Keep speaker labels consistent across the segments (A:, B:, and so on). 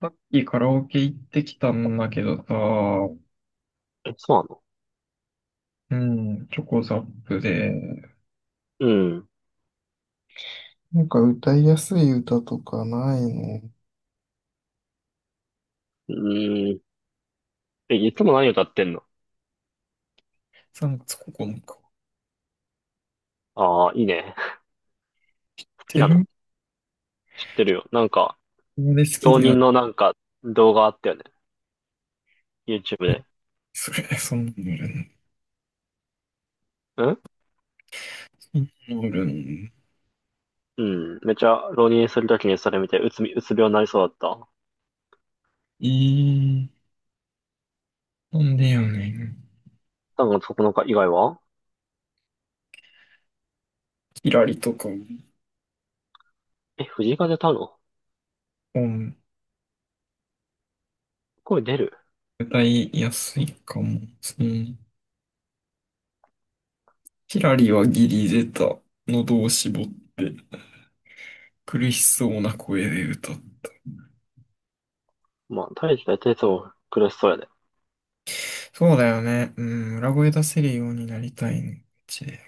A: さっきカラオケ行ってきたんだけどさ、
B: え、そうなの？
A: うん、チョコザップで、
B: うん。
A: なんか歌いやすい歌とかない。
B: うん。え、いつも何歌ってんの？ああー、いいね。好き
A: テ
B: な
A: ル
B: の？知ってるよ。なんか、
A: マで好き
B: 浪
A: でや、
B: 人のなんか動画あったよね。YouTube で。
A: それ、そんなのおるン、
B: うん
A: そんなのおるの。
B: うん。めちゃ浪人するときにそれ見て、うつ病になりそうだった。
A: いい、なんでやねん。
B: そこのか以外は。
A: キラリとか、
B: え、藤井風歌うの？
A: うん、
B: 声出る？
A: 歌いやすいかも。うん。キラリはギリ出た。喉を絞って、苦しそうな声で歌って。
B: まあ、大してつも苦しそうやね。
A: そうだよね。うん、裏声出せるようになりたいね。うちで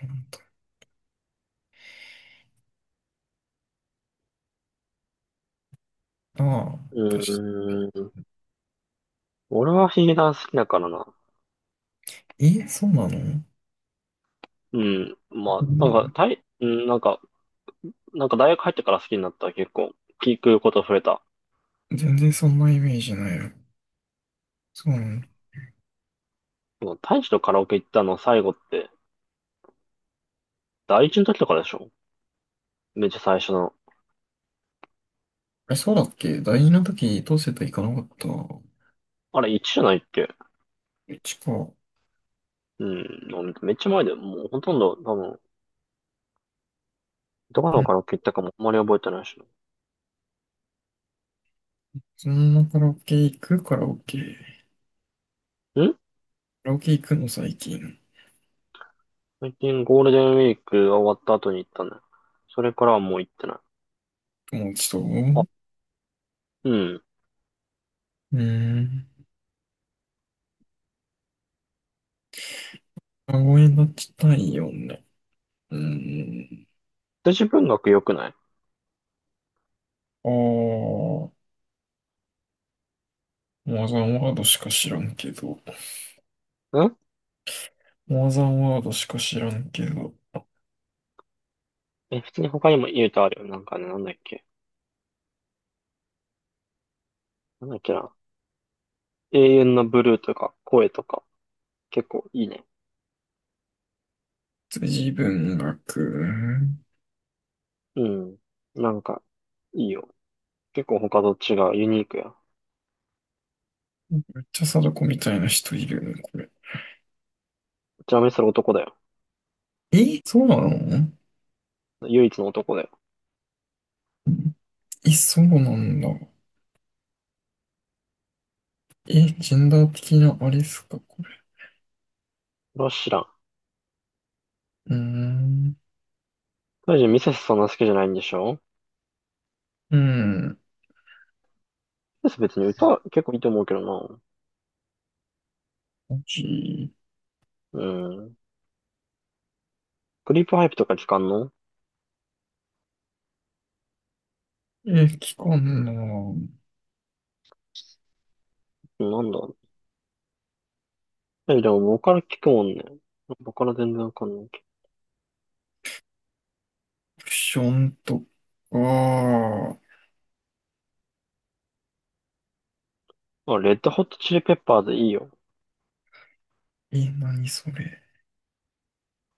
A: ああ、
B: う
A: 確か。
B: ーん。俺はヒゲダン好きだからな。
A: え、そうなの？
B: うん。まあ、なんか、うん、なんか、大学入ってから好きになった。結構、聞くこと増えた。
A: 全然そんなイメージないよ。そうなの？
B: もう大使とカラオケ行ったの最後って、第一の時とかでしょ？めっちゃ最初の。
A: え、そうだっけ大事な時、どうせと行かなかった。う
B: あれ、1じゃないっけ？
A: ちか。う
B: うん、もうめっちゃ前で、もうほとんど、多分、どこの
A: ん。
B: カラオケ行ったかもあんまり覚えてないし
A: そんなカラオケ行くカラオケ。
B: な。
A: カラオケ行くの最近。
B: 最近ゴールデンウィークが終わった後に行ったね。それからはもう行ってない。
A: 友達と。
B: あ、
A: う
B: うん。
A: ーん。あ、ごめんなっちたいよね。うーん。
B: 私文学良くない
A: ああ、マザンワードしか知らんけど。
B: ん？
A: マザンワードしか知らんけど。
B: え、普通に他にも言うとあるよ。なんかね、なんだっけ。なんだっけな。永遠のブルーとか、声とか、結構いいね。
A: 辻文学。
B: うん。なんか、いいよ。結構他と違う、ユニークや。
A: めっちゃ貞子みたいな人いるね、これ。
B: ちなみにそれ男だよ。
A: え、そうなの？
B: 唯一の男だよ。
A: え、そうなんだ。え、ジェンダー的なあれっすか、これ。
B: それは知らん。
A: うーん。
B: 大臣ミセスそんな好きじゃないんでしょ？
A: うん。
B: ミセス別に歌結構いいと思うけどな。
A: マジ？
B: うん。クリープハイプとか聞かんの？
A: え、期間のオ
B: なんだ。え、でも僕から聞くもんね。僕から全然わかんないけ
A: プションとか。
B: ど。あ、レッドホットチリペッパーズいいよ。
A: え、何それ。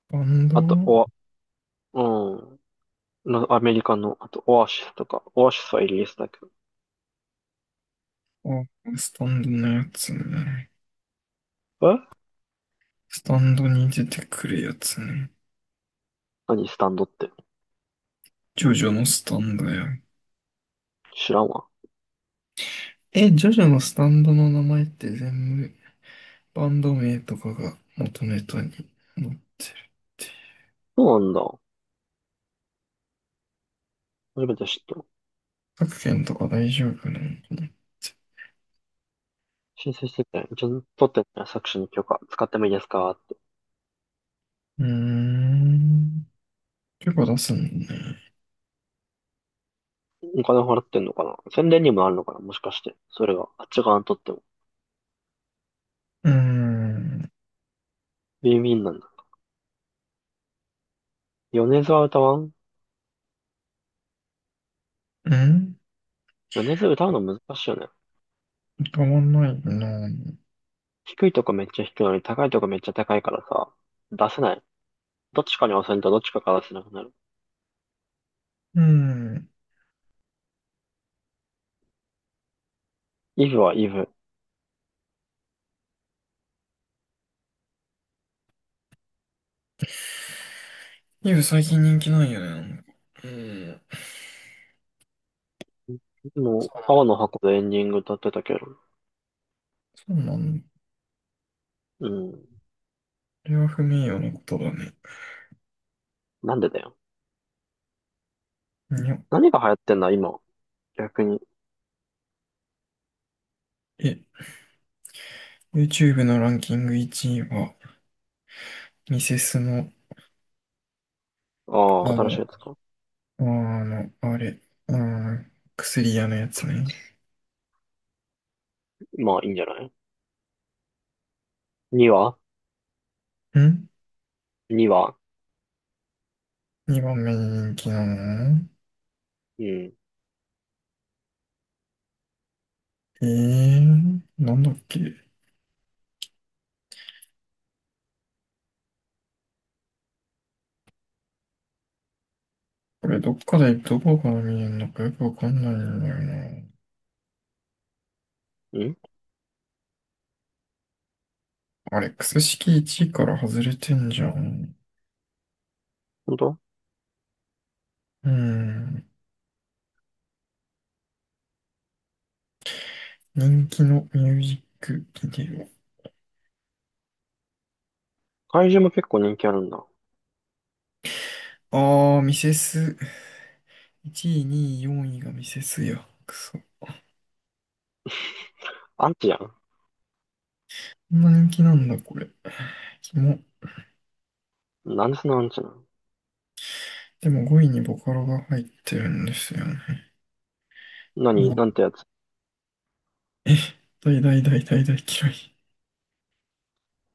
A: スタンド。
B: あと、うん。なアメリカの、あと、オアシスとか。オアシスはイギリスだけど。
A: あ、スタンドのやつね。
B: え？
A: スタンドに出てくるやつね。
B: 何スタンドって。
A: ジョジョのスタンドや。
B: 知らんわ。
A: え、ジョジョのスタンドの名前って全部バンド名とかが元ネタに載ってる。
B: そうなんだ。初めて知った。
A: 各県とか大丈夫なのかなって。
B: 申請してて、ちゃんと取ってね、作詞に許可使ってもいいですかって。
A: うーん。結構出すんだね。
B: お金払ってんのかな？宣伝にもなるのかな？もしかして。それが、あっち側にとっても。
A: うーん。
B: ビンビンなんだ。米津は歌わん？
A: うん。
B: 米津歌うの難しいよね。
A: たまんないな。
B: 低いとこめっちゃ低いのに高いとこめっちゃ高いからさ、出せない。どっちかに押せんとどっちかから出せなくなる。
A: うん。
B: イブはイブ。
A: イブ最近人気ないよね。なんか。うん。
B: も
A: そ
B: う、
A: う、
B: 青の箱でエンディング歌ってたけど。
A: そうなんだ。
B: うん。
A: これは不名誉なことだね。
B: なんでだよ。
A: にょ。
B: 何が流行ってんだ、今。逆に。
A: え、YouTube のランキング1位は、ミセスの、
B: ああ、
A: あ
B: 新しい
A: の、
B: やつか。
A: あの、あれ、あー薬屋のやつね。
B: まあ、いいんじゃない？ 2 話？
A: ん、
B: 2 話。
A: 2番目にばんめ人気なの？
B: うん。
A: えー、なんだっけ。これどっかでどこから見えるのかよくわかんないんだよな。
B: ん、
A: アレックス式1位から外れてんじゃん。
B: 本当？
A: うん。人気のミュージックビデ
B: 怪獣も結構人気あるんだ。
A: オ。あー、ミセス。1位、2位、4位がミセスや。くそ。こ
B: アンチやん。
A: んな人気なんだ、これ。キモ。
B: なんちなんちゃな。
A: でも5位にボカロが入ってるんですよね。
B: 何
A: うん。
B: なんてやつ。
A: え、大大大大大嫌い。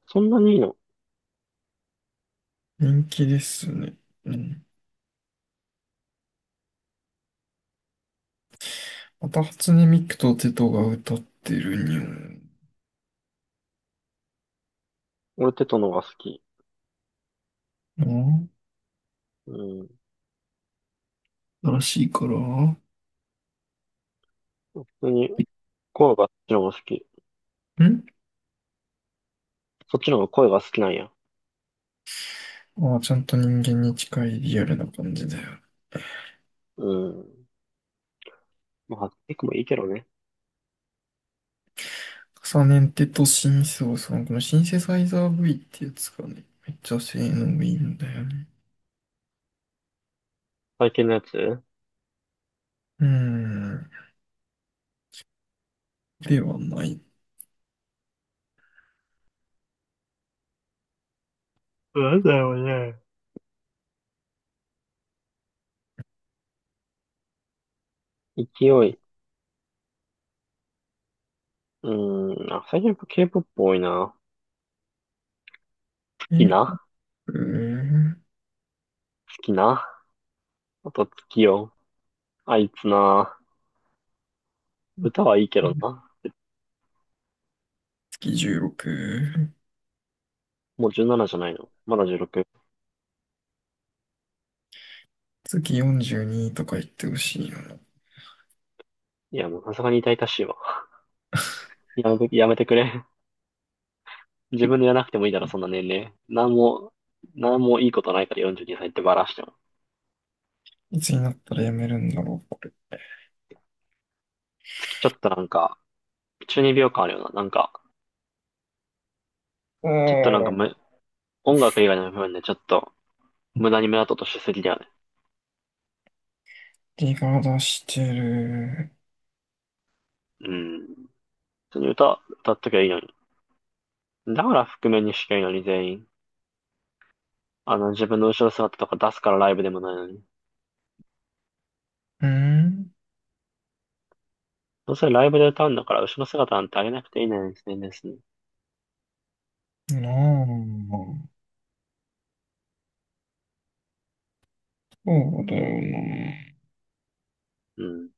B: そんなにいいの？
A: 人気ですね。うん。また初音ミクとテトが歌ってるに
B: 俺テトのが好き。
A: ょ
B: うん。
A: な。新しいから。ん。
B: 普通に声があっちの方が好き。そっちの方が声が好きなんや。
A: ああ、ちゃんと人間に近いリアルな感じだよ。
B: うん。まあ、ハッックもいいけどね。
A: 重ねてとシンセオさん、このシンセサイザー V ってやつがね、めっちゃ性能いいんだよね。
B: 最近のやつ
A: うーん、ではない。
B: なんだよね。勢い。うん。あ、最近やっぱ K-POP 多いな。
A: え、
B: きな
A: うー
B: 好きな。あと月よ。あいつな。歌はいいけどな。
A: 月16、
B: もう17じゃないの。まだ16。
A: 月42とか言ってほしいよな。
B: いや、もうさすがに痛々しいわ。やめてくれ。自分でやらなくてもいいだろ、そんな年齢。なんもいいことないから42歳ってバラしても。
A: いつになったらやめるんだろうか。
B: 月ちょっとなんか、中二病感あるよな。なんか、
A: あ
B: ちょっとなんか
A: あ、
B: む、音楽以外の部分でちょっと、無駄に目立とうとしすぎだよね。
A: リが出してる。
B: うん。普通に歌っときゃいいのに。だから覆面にしきゃいいのに全員。あの、自分の後ろ姿とか出すからライブでもないのに。
A: うーん。
B: どうせライブで歌うんだから後ろ姿なんてあげなくていいのに、全然。
A: なあ、そうだよな。
B: うん。